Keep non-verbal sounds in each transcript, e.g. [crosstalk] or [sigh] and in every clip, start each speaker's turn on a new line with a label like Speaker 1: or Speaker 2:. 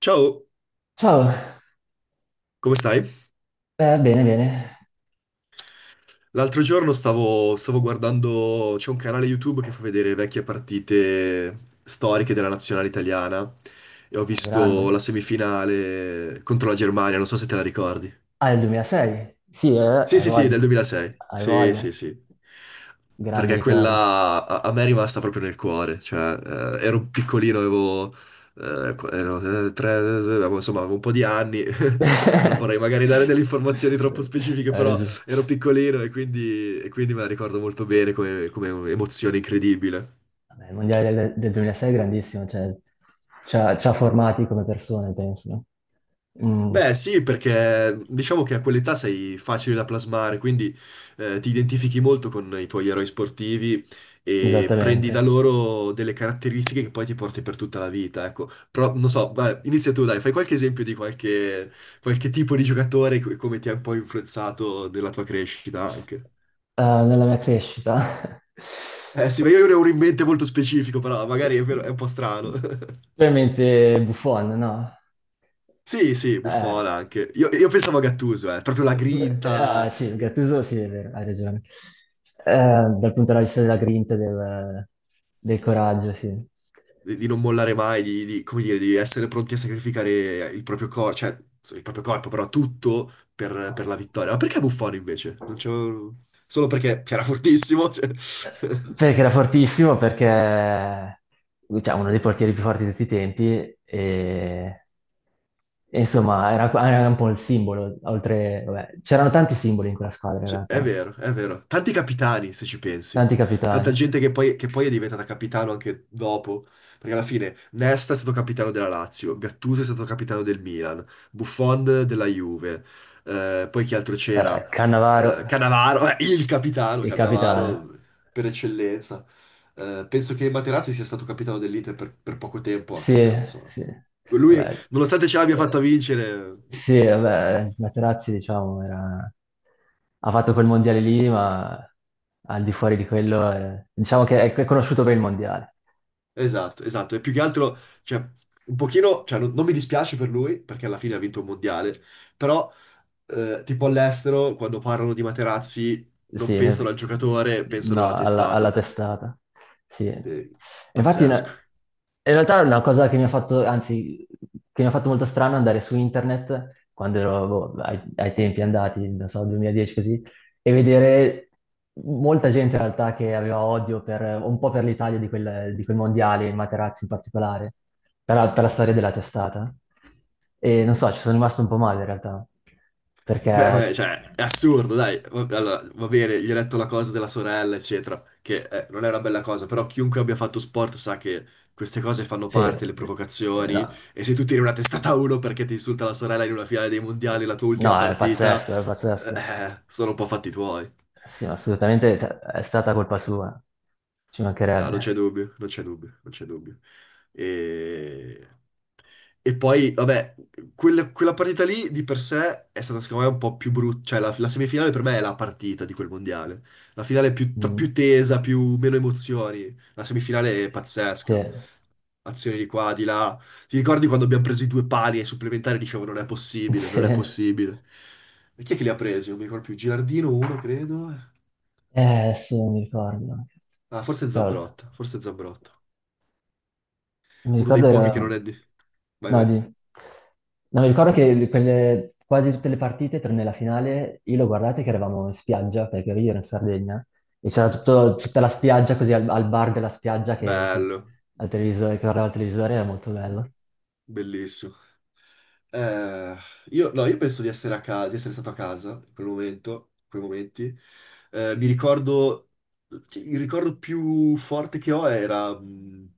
Speaker 1: Ciao,
Speaker 2: Ciao.
Speaker 1: come stai?
Speaker 2: Bene, bene.
Speaker 1: L'altro giorno stavo guardando, c'è un canale YouTube che fa vedere vecchie partite storiche della nazionale italiana e ho
Speaker 2: Ah, grande.
Speaker 1: visto la semifinale contro la Germania, non so se te la ricordi.
Speaker 2: Ah, è il 2006? Sì,
Speaker 1: Sì,
Speaker 2: hai
Speaker 1: sì, sì, del
Speaker 2: voglia,
Speaker 1: 2006.
Speaker 2: hai
Speaker 1: Sì,
Speaker 2: voglia.
Speaker 1: sì, sì.
Speaker 2: Grandi
Speaker 1: Perché
Speaker 2: ricordi.
Speaker 1: quella a me è rimasta proprio nel cuore, cioè ero piccolino, avevo, insomma avevo un po' di anni. [laughs] Non vorrei
Speaker 2: [laughs]
Speaker 1: magari dare delle informazioni troppo specifiche,
Speaker 2: Hai
Speaker 1: però
Speaker 2: ragione.
Speaker 1: ero piccolino e quindi me la ricordo molto bene come, come emozione incredibile.
Speaker 2: Vabbè, il mondiale del 2006 è grandissimo, cioè, ci ha formati come persone, penso. No?
Speaker 1: Beh, sì, perché diciamo che a quell'età sei facile da plasmare, quindi ti identifichi molto con i tuoi eroi sportivi
Speaker 2: Mm,
Speaker 1: e prendi da
Speaker 2: esattamente.
Speaker 1: loro delle caratteristiche che poi ti porti per tutta la vita, ecco. Però, non so, vai, inizia tu, dai, fai qualche esempio di qualche, qualche tipo di giocatore e come ti ha un po' influenzato nella tua crescita anche.
Speaker 2: Nella mia crescita. [laughs]
Speaker 1: Eh sì, ma io ne ho uno in mente molto specifico, però è un po' strano. [laughs]
Speaker 2: Tu hai in mente Buffon, no?
Speaker 1: Sì, sì,
Speaker 2: Eh,
Speaker 1: Buffon anche. Io pensavo a Gattuso, proprio la
Speaker 2: Ah,
Speaker 1: grinta.
Speaker 2: sì, Gattuso, sì, è vero, hai ragione. Eh, Dal punto di vista della grinta, e del coraggio, sì.
Speaker 1: Di non mollare mai, come dire, di essere pronti a sacrificare il proprio corpo, il proprio corpo, però tutto per la vittoria. Ma perché Buffon invece? Non c'è. Solo perché era fortissimo, cioè. [laughs]
Speaker 2: Perché era fortissimo, perché cioè uno dei portieri più forti di tutti i tempi, e insomma, era un po' il simbolo, oltre, vabbè, c'erano tanti simboli in quella squadra, in
Speaker 1: Cioè, è
Speaker 2: realtà,
Speaker 1: vero, è vero. Tanti capitani, se ci pensi.
Speaker 2: tanti capitani.
Speaker 1: Tanta gente che poi è diventata capitano anche dopo. Perché alla fine Nesta è stato capitano della Lazio, Gattuso è stato capitano del Milan, Buffon della Juve. Poi chi altro c'era?
Speaker 2: Cannavaro,
Speaker 1: Cannavaro, il capitano
Speaker 2: il capitano.
Speaker 1: Cannavaro per eccellenza. Penso che Materazzi sia stato capitano dell'Inter per poco tempo, anche
Speaker 2: Sì,
Speaker 1: se insomma.
Speaker 2: sì,
Speaker 1: Lui,
Speaker 2: vabbè,
Speaker 1: nonostante ce l'abbia fatta
Speaker 2: eh,
Speaker 1: vincere.
Speaker 2: sì, vabbè, Materazzi, diciamo, ha fatto quel mondiale lì, ma al di fuori di quello, diciamo che è conosciuto per il mondiale.
Speaker 1: Esatto, esatto. E più che altro, cioè, un pochino, cioè, non mi dispiace per lui, perché alla fine ha vinto un mondiale, però, tipo all'estero, quando parlano di Materazzi, non
Speaker 2: Sì,
Speaker 1: pensano al giocatore, pensano
Speaker 2: no,
Speaker 1: alla
Speaker 2: alla
Speaker 1: testata.
Speaker 2: testata. Sì. E
Speaker 1: Sì,
Speaker 2: infatti,
Speaker 1: pazzesco.
Speaker 2: in realtà è una cosa che mi ha fatto, anzi, che mi ha fatto molto strano andare su internet quando ero boh, ai tempi andati, non so, 2010 così, e vedere molta gente in realtà che aveva odio un po' per l'Italia di quel mondiale, Materazzi in particolare, per la storia della testata. E non so, ci sono rimasto un po' male in realtà, perché.
Speaker 1: Cioè, è assurdo, dai. Allora, va bene, gli ho detto la cosa della sorella, eccetera, che non è una bella cosa, però chiunque abbia fatto sport sa che queste cose fanno
Speaker 2: Sì,
Speaker 1: parte, le provocazioni,
Speaker 2: no,
Speaker 1: e se tu tiri una testata a uno perché ti insulta la sorella in una finale dei mondiali, la tua ultima
Speaker 2: no, è
Speaker 1: partita,
Speaker 2: pazzesco, è pazzesco.
Speaker 1: sono un po' fatti tuoi.
Speaker 2: Sì, ma assolutamente è stata colpa sua, ci
Speaker 1: Ah, non c'è
Speaker 2: mancherebbe.
Speaker 1: dubbio, non c'è dubbio, non c'è dubbio. E... E poi, vabbè, quella partita lì di per sé è stata secondo me un po' più brutta, cioè la semifinale per me è la partita di quel mondiale, la finale è più, più
Speaker 2: Mm,
Speaker 1: tesa, più, meno emozioni, la semifinale è
Speaker 2: sì,
Speaker 1: pazzesca, azioni di qua, di là, ti ricordi quando abbiamo preso i due pali ai supplementari e dicevo non è
Speaker 2: [laughs]
Speaker 1: possibile,
Speaker 2: sì.
Speaker 1: non è possibile, e chi è che li ha presi? Non mi ricordo più, Gilardino uno credo,
Speaker 2: Adesso non mi ricordo.
Speaker 1: ah
Speaker 2: Cavolo.
Speaker 1: Forse Zambrotta,
Speaker 2: Mi
Speaker 1: uno
Speaker 2: ricordo
Speaker 1: dei
Speaker 2: era.
Speaker 1: pochi che non è di... Vai
Speaker 2: No,
Speaker 1: vai,
Speaker 2: no, mi ricordo che quasi tutte le partite, tranne la finale, io l'ho guardate che eravamo in spiaggia, perché io ero in Sardegna, e c'era tutta la spiaggia, così al bar della spiaggia
Speaker 1: bello,
Speaker 2: al televisore, che guardava il televisore, era molto bello.
Speaker 1: bellissimo. Eh, io, no, io penso di essere, di essere stato a casa in quel momento, in quei momenti. Mi ricordo, cioè, il ricordo più forte che ho era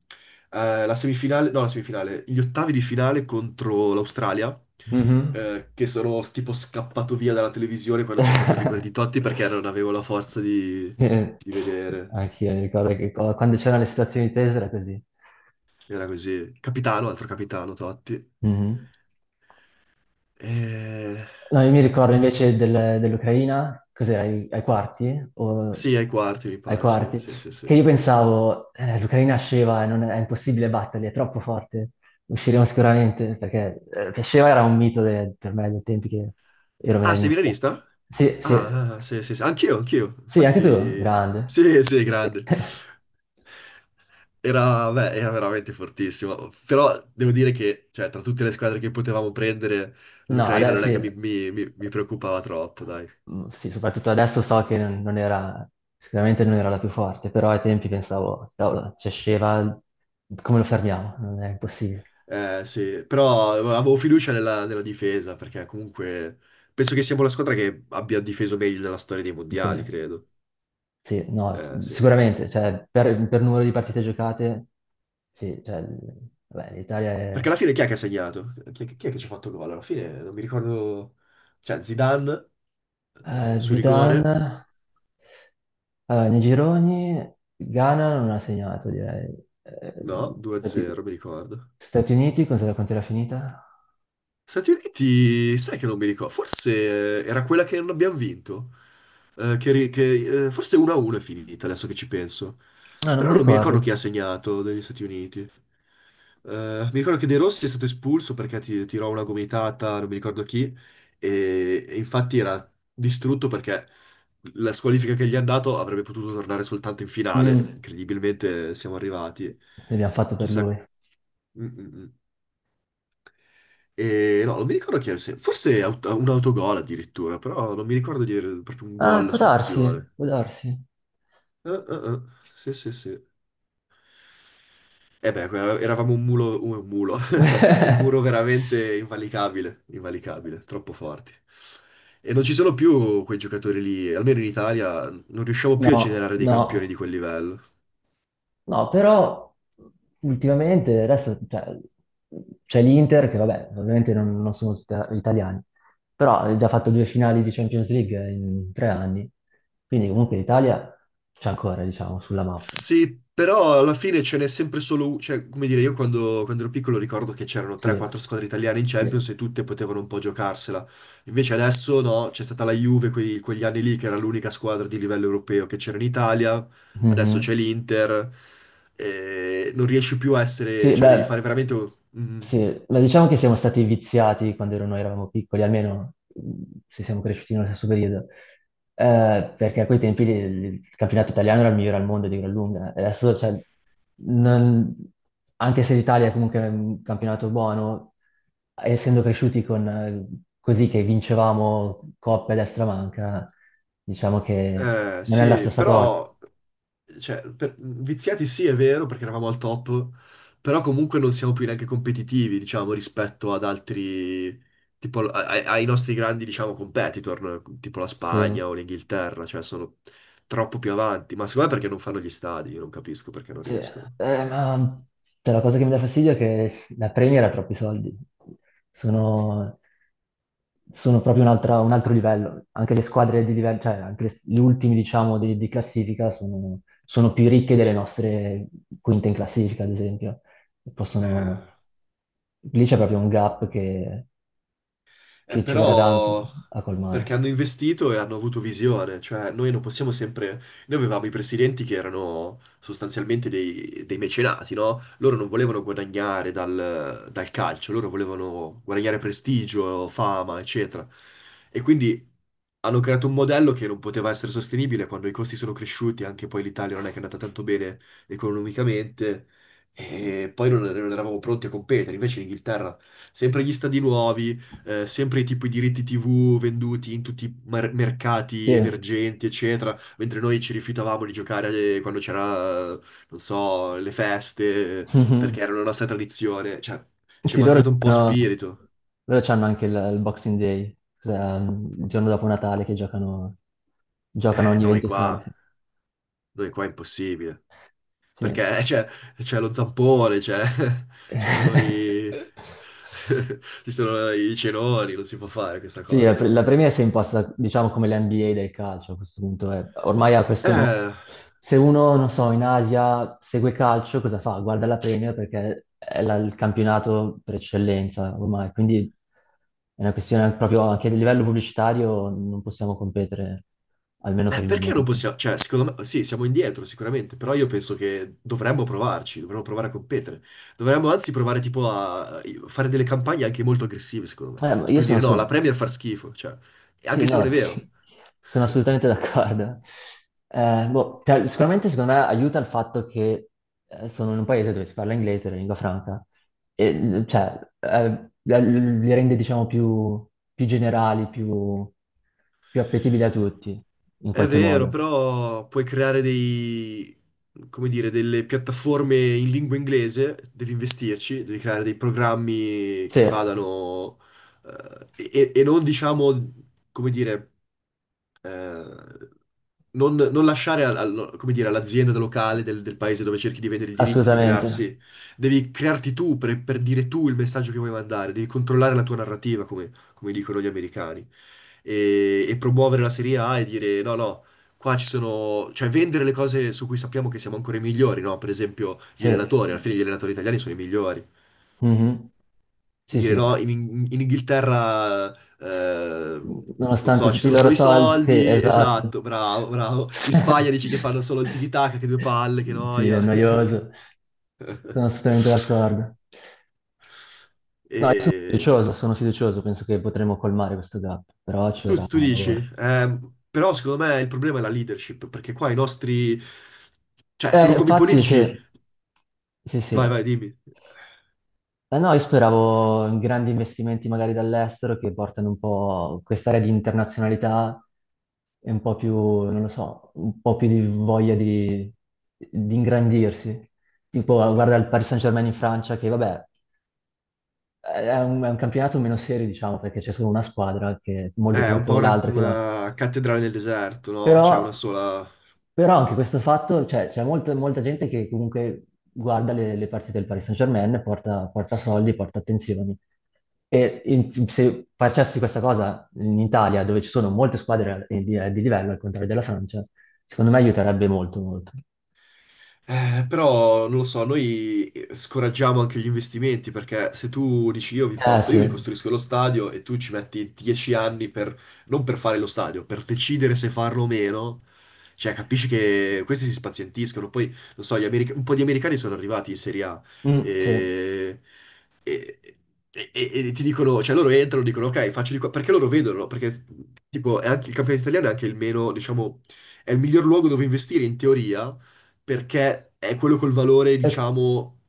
Speaker 1: la semifinale, no, la semifinale, gli ottavi di finale contro l'Australia,
Speaker 2: Mhm.
Speaker 1: che sono tipo scappato via dalla televisione quando c'è stato il rigore di Totti perché
Speaker 2: [laughs]
Speaker 1: non avevo la forza
Speaker 2: Eh,
Speaker 1: di vedere.
Speaker 2: Anch'io mi ricordo che quando c'erano le situazioni tese era così.
Speaker 1: Era così. Capitano, altro capitano Totti.
Speaker 2: Mhm.
Speaker 1: Eh,
Speaker 2: No, io mi
Speaker 1: che...
Speaker 2: ricordo invece dell'Ucraina, cos'era, ai quarti?
Speaker 1: Sì, ai quarti mi
Speaker 2: Ai
Speaker 1: pare, sì,
Speaker 2: quarti,
Speaker 1: sì, sì,
Speaker 2: che
Speaker 1: sì.
Speaker 2: io pensavo, l'Ucraina sceva, non è, è impossibile batterli, è troppo forte, usciremo sicuramente, perché che sceva era un mito per me dei tempi che ero
Speaker 1: Ah, sei
Speaker 2: milanista.
Speaker 1: milanista?
Speaker 2: Sì, sì.
Speaker 1: Ah, ah, sì, sì, sì. Anch'io, anch'io.
Speaker 2: Sì, anche tu,
Speaker 1: Infatti,
Speaker 2: grande.
Speaker 1: sì, sì, grande.
Speaker 2: [laughs]
Speaker 1: Era, beh, era veramente fortissimo. Però devo dire che, cioè, tra tutte le squadre che potevamo prendere,
Speaker 2: No,
Speaker 1: l'Ucraina non
Speaker 2: adesso
Speaker 1: è
Speaker 2: sì.
Speaker 1: che mi preoccupava troppo, dai.
Speaker 2: Mm, sì, soprattutto adesso so che non era, sicuramente non era la più forte, però ai tempi pensavo, cavolo, c'è Sheva, come lo fermiamo? Non è impossibile.
Speaker 1: Sì, però avevo fiducia nella difesa, perché comunque penso che siamo la squadra che abbia difeso meglio nella storia dei
Speaker 2: Sì,
Speaker 1: mondiali, credo.
Speaker 2: sì, no,
Speaker 1: Sì.
Speaker 2: sicuramente, cioè, per numero di partite giocate, sì, cioè, vabbè, l'Italia
Speaker 1: Perché
Speaker 2: è.
Speaker 1: alla fine chi è che ha segnato? Chi è che ci ha fatto gol? Alla fine non mi ricordo. Cioè, Zidane, su rigore,
Speaker 2: Zidane, allora, nei gironi Ghana non ha segnato, direi. Eh,
Speaker 1: no,
Speaker 2: Stati,
Speaker 1: 2-0, mi ricordo.
Speaker 2: Stati Uniti, cosa, quanto era finita?
Speaker 1: Stati Uniti, sai che non mi ricordo, forse era quella che non abbiamo vinto. Forse 1-1 è finita, adesso che ci penso.
Speaker 2: No, non
Speaker 1: Però
Speaker 2: mi
Speaker 1: non mi ricordo chi
Speaker 2: ricordo.
Speaker 1: ha segnato degli Stati Uniti. Mi ricordo che De Rossi è stato espulso perché tirò una gomitata, non mi ricordo chi, e infatti era distrutto perché la squalifica che gli hanno dato avrebbe potuto tornare soltanto in finale.
Speaker 2: Mm,
Speaker 1: Incredibilmente siamo arrivati.
Speaker 2: L'abbiamo fatto per
Speaker 1: Chissà.
Speaker 2: lui.
Speaker 1: Mm, mm, mm. E no, non mi ricordo chi è, un autogol addirittura, però non mi ricordo di avere proprio un
Speaker 2: Ah,
Speaker 1: gol
Speaker 2: può
Speaker 1: su
Speaker 2: darsi,
Speaker 1: azione.
Speaker 2: può darsi.
Speaker 1: Eh. Sì, sì, sì. E beh, eravamo un mulo, [laughs] un muro
Speaker 2: [laughs]
Speaker 1: veramente invalicabile, invalicabile, troppo forti. E non ci sono più quei giocatori lì, almeno in Italia non riusciamo più a
Speaker 2: No,
Speaker 1: generare dei campioni
Speaker 2: no.
Speaker 1: di quel livello.
Speaker 2: No, però ultimamente adesso cioè, c'è l'Inter che vabbè, ovviamente non sono italiani, però ha già fatto due finali di Champions League in 3 anni, quindi comunque l'Italia c'è ancora, diciamo, sulla mappa.
Speaker 1: Sì, però alla fine ce n'è sempre solo uno, cioè, come dire, io quando ero piccolo ricordo che c'erano
Speaker 2: Sì,
Speaker 1: 3-4 squadre italiane in
Speaker 2: sì.
Speaker 1: Champions e tutte potevano un po' giocarsela. Invece adesso no, c'è stata la Juve quegli anni lì che era l'unica squadra di livello europeo che c'era in Italia, adesso c'è
Speaker 2: Mhm.
Speaker 1: l'Inter, e non riesci più a essere,
Speaker 2: Sì,
Speaker 1: cioè devi fare
Speaker 2: beh,
Speaker 1: veramente... mm,
Speaker 2: sì, ma diciamo che siamo stati viziati quando noi eravamo piccoli, almeno se siamo cresciuti nello stesso periodo, perché a quei tempi il campionato italiano era il migliore al mondo di gran lunga. E adesso, cioè, non- anche se l'Italia è comunque un campionato buono, essendo cresciuti con, così che vincevamo coppe a destra e manca, diciamo che non è la
Speaker 1: Sì,
Speaker 2: stessa cosa.
Speaker 1: però, cioè, viziati sì, è vero, perché eravamo al top, però comunque non siamo più neanche competitivi, diciamo, rispetto ad altri, tipo, ai nostri grandi, diciamo, competitor, no? Tipo la
Speaker 2: Sì.
Speaker 1: Spagna o l'Inghilterra, cioè, sono troppo più avanti. Ma secondo me perché non fanno gli stadi, io non capisco perché non
Speaker 2: Sì,
Speaker 1: riescono.
Speaker 2: ma cioè, la cosa che mi dà fastidio è che la Premier ha troppi soldi. Sono, sono proprio un altro livello. Anche le squadre di livello, cioè anche gli ultimi, diciamo, di classifica sono più ricche delle nostre quinte in classifica, ad esempio. E
Speaker 1: Eh.
Speaker 2: possono. Lì c'è proprio un gap che, che ci vorrà tanto
Speaker 1: Però
Speaker 2: a
Speaker 1: perché
Speaker 2: colmare.
Speaker 1: hanno investito e hanno avuto visione, cioè noi non possiamo sempre. Noi avevamo i presidenti che erano sostanzialmente dei mecenati, no? Loro non volevano guadagnare dal calcio, loro volevano guadagnare prestigio, fama, eccetera. E quindi hanno creato un modello che non poteva essere sostenibile quando i costi sono cresciuti, anche poi l'Italia non è che è andata tanto bene economicamente, e poi non eravamo pronti a competere, invece l'Inghilterra sempre gli stadi nuovi, sempre tipo i diritti TV venduti in tutti i mercati
Speaker 2: Sì.
Speaker 1: emergenti, eccetera, mentre noi ci rifiutavamo di giocare quando c'era, non so, le feste, perché
Speaker 2: [laughs]
Speaker 1: era la nostra tradizione. Cioè, ci è
Speaker 2: Sì, loro
Speaker 1: mancato un po'
Speaker 2: giocano,
Speaker 1: spirito.
Speaker 2: loro c'hanno anche il Boxing Day, cioè, il giorno dopo Natale che giocano
Speaker 1: Eh,
Speaker 2: ogni
Speaker 1: noi
Speaker 2: 26.
Speaker 1: qua, noi qua è impossibile.
Speaker 2: Sì.
Speaker 1: Perché
Speaker 2: Sì.
Speaker 1: c'è lo zampone, c'è, [laughs] ci sono i,
Speaker 2: [laughs]
Speaker 1: [laughs] ci sono i cenoni, non si può fare questa
Speaker 2: Sì,
Speaker 1: cosa
Speaker 2: la,
Speaker 1: da
Speaker 2: pre- la
Speaker 1: noi.
Speaker 2: Premier si è impostata, diciamo, come l'NBA del calcio a questo punto. È. Ormai ha questo nome.
Speaker 1: Eh...
Speaker 2: Se uno, non so, in Asia segue calcio, cosa fa? Guarda la Premier perché è il campionato per eccellenza ormai. Quindi è una questione proprio anche a livello pubblicitario non possiamo competere, almeno per il
Speaker 1: Perché non
Speaker 2: momento.
Speaker 1: possiamo? Cioè, secondo me, sì, siamo indietro sicuramente, però io penso che dovremmo provarci, dovremmo provare a competere. Dovremmo anzi provare tipo a fare delle campagne anche molto aggressive, secondo me.
Speaker 2: Ma
Speaker 1: Cioè,
Speaker 2: io
Speaker 1: più
Speaker 2: sono.
Speaker 1: dire no, la Premier fa schifo, cioè,
Speaker 2: Sì,
Speaker 1: anche se non è
Speaker 2: no,
Speaker 1: vero.
Speaker 2: [laughs] sono assolutamente d'accordo. Boh, sicuramente secondo me aiuta il fatto che sono in un paese dove si parla inglese, la lingua franca, e cioè li rende diciamo più generali, più appetibili a tutti, in
Speaker 1: È
Speaker 2: qualche
Speaker 1: vero,
Speaker 2: modo.
Speaker 1: però puoi creare dei, come dire, delle piattaforme in lingua inglese, devi investirci, devi creare dei programmi
Speaker 2: Sì,
Speaker 1: che vadano, e non diciamo, come dire, eh, non lasciare no, come dire, all'azienda locale del paese dove cerchi di vendere i diritti di
Speaker 2: assolutamente.
Speaker 1: crearsi, devi crearti tu per dire tu il messaggio che vuoi mandare, devi controllare la tua narrativa, come dicono gli americani e promuovere la Serie A e dire no, no, qua ci sono, cioè vendere le cose su cui sappiamo che siamo ancora i migliori, no? Per esempio gli
Speaker 2: Sì.
Speaker 1: allenatori, alla fine gli allenatori italiani sono i migliori.
Speaker 2: Mhm.
Speaker 1: E
Speaker 2: Sì,
Speaker 1: dire
Speaker 2: sì.
Speaker 1: no, in, in Inghilterra, eh, non
Speaker 2: Nonostante
Speaker 1: so, ci
Speaker 2: tutti i
Speaker 1: sono
Speaker 2: loro
Speaker 1: solo i
Speaker 2: soldi, sì,
Speaker 1: soldi,
Speaker 2: esatto.
Speaker 1: esatto, bravo, bravo. In Spagna
Speaker 2: [laughs]
Speaker 1: dici che fanno solo il tiki-taka, che due palle, che
Speaker 2: Sì,
Speaker 1: noia.
Speaker 2: è
Speaker 1: [laughs]
Speaker 2: noioso. Sono assolutamente d'accordo.
Speaker 1: E
Speaker 2: No, io sono fiducioso, penso che potremo colmare questo gap, però ci vorrà
Speaker 1: tu dici,
Speaker 2: lavoro.
Speaker 1: eh, però secondo me il problema è la leadership, perché qua i nostri, cioè sono come i
Speaker 2: Infatti,
Speaker 1: politici.
Speaker 2: sì, sì,
Speaker 1: Vai,
Speaker 2: sì.
Speaker 1: vai, dimmi.
Speaker 2: Eh no, io speravo in grandi investimenti magari dall'estero che portano un po' quest'area di internazionalità e un po' più, non lo so, un po' più di voglia di ingrandirsi. Tipo, guarda il Paris Saint-Germain in Francia, che vabbè, è un campionato meno serio, diciamo, perché c'è solo una squadra che è molto più
Speaker 1: È un
Speaker 2: forte
Speaker 1: po'
Speaker 2: dell'altra, che
Speaker 1: una cattedrale nel deserto, no? C'è una
Speaker 2: però,
Speaker 1: sola.
Speaker 2: però anche questo fatto, cioè, c'è molta gente che comunque guarda le partite del Paris Saint-Germain, porta, porta soldi, porta attenzioni. E se facessi questa cosa in Italia, dove ci sono molte squadre di livello, al contrario della Francia, secondo me aiuterebbe molto, molto.
Speaker 1: Però non lo so, noi scoraggiamo anche gli investimenti perché se tu dici io vi
Speaker 2: Eh
Speaker 1: porto, io vi
Speaker 2: sì,
Speaker 1: costruisco lo stadio e tu ci metti 10 anni per, non per fare lo stadio, per decidere se farlo o meno, cioè capisci che questi si spazientiscono. Poi, non so, un po' di americani sono arrivati in Serie A
Speaker 2: Mm, sì.
Speaker 1: e, e- e ti dicono, cioè loro entrano, e dicono ok, faccio di qua, perché loro vedono, no? Perché tipo è anche, il campionato italiano è anche il meno, diciamo, è il miglior luogo dove investire in teoria perché è quello col valore,
Speaker 2: E-
Speaker 1: diciamo,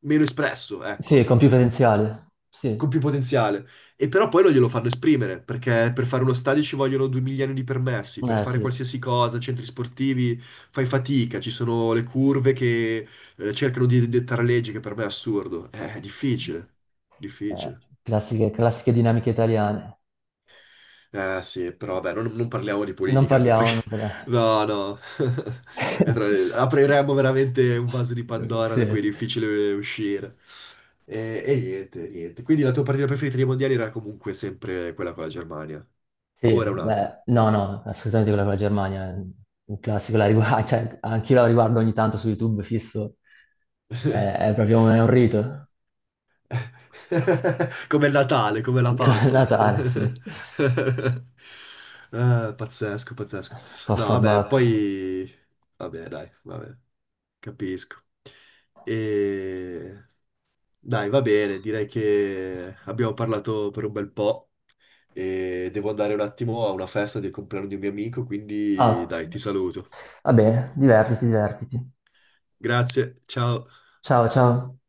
Speaker 1: meno espresso,
Speaker 2: sì,
Speaker 1: ecco,
Speaker 2: con più potenziale, sì,
Speaker 1: con più potenziale. E però poi non glielo fanno esprimere, perché per fare uno stadio ci vogliono 2 milioni di permessi, per
Speaker 2: eh
Speaker 1: fare
Speaker 2: sì.
Speaker 1: qualsiasi cosa, centri sportivi, fai fatica, ci sono le curve che cercano di dettare leggi, che per me è assurdo. È difficile,
Speaker 2: Eh,
Speaker 1: difficile.
Speaker 2: classiche dinamiche italiane.
Speaker 1: Eh sì, però vabbè, non parliamo di
Speaker 2: Non
Speaker 1: politica anche
Speaker 2: parliamo,
Speaker 1: perché...
Speaker 2: non
Speaker 1: [laughs]
Speaker 2: parliamo.
Speaker 1: No, no. [laughs] E
Speaker 2: [laughs]
Speaker 1: apriremmo veramente un vaso di Pandora
Speaker 2: Sì,
Speaker 1: da cui è difficile uscire. E niente, niente. Quindi la tua partita preferita dei mondiali era comunque sempre quella con la Germania.
Speaker 2: sì,
Speaker 1: Ora un'altra.
Speaker 2: beh, no, no, assolutamente quella con la Germania, è un classico, [laughs] cioè, anch'io la riguardo ogni tanto su YouTube fisso, è, è
Speaker 1: [laughs]
Speaker 2: proprio è un rito,
Speaker 1: [laughs] Come il Natale, come la
Speaker 2: [laughs] come il
Speaker 1: Pasqua.
Speaker 2: Natale, sì,
Speaker 1: [laughs] Pazzesco, pazzesco.
Speaker 2: puff
Speaker 1: No, vabbè,
Speaker 2: bacco.
Speaker 1: poi... Vabbè, dai, vabbè. Capisco. E... Dai, va bene, direi che abbiamo parlato per un bel po' e devo andare un attimo a una festa del compleanno di un mio amico, quindi
Speaker 2: Ah,
Speaker 1: dai, ti saluto.
Speaker 2: vabbè, divertiti, divertiti.
Speaker 1: Grazie, ciao.
Speaker 2: Ciao, ciao.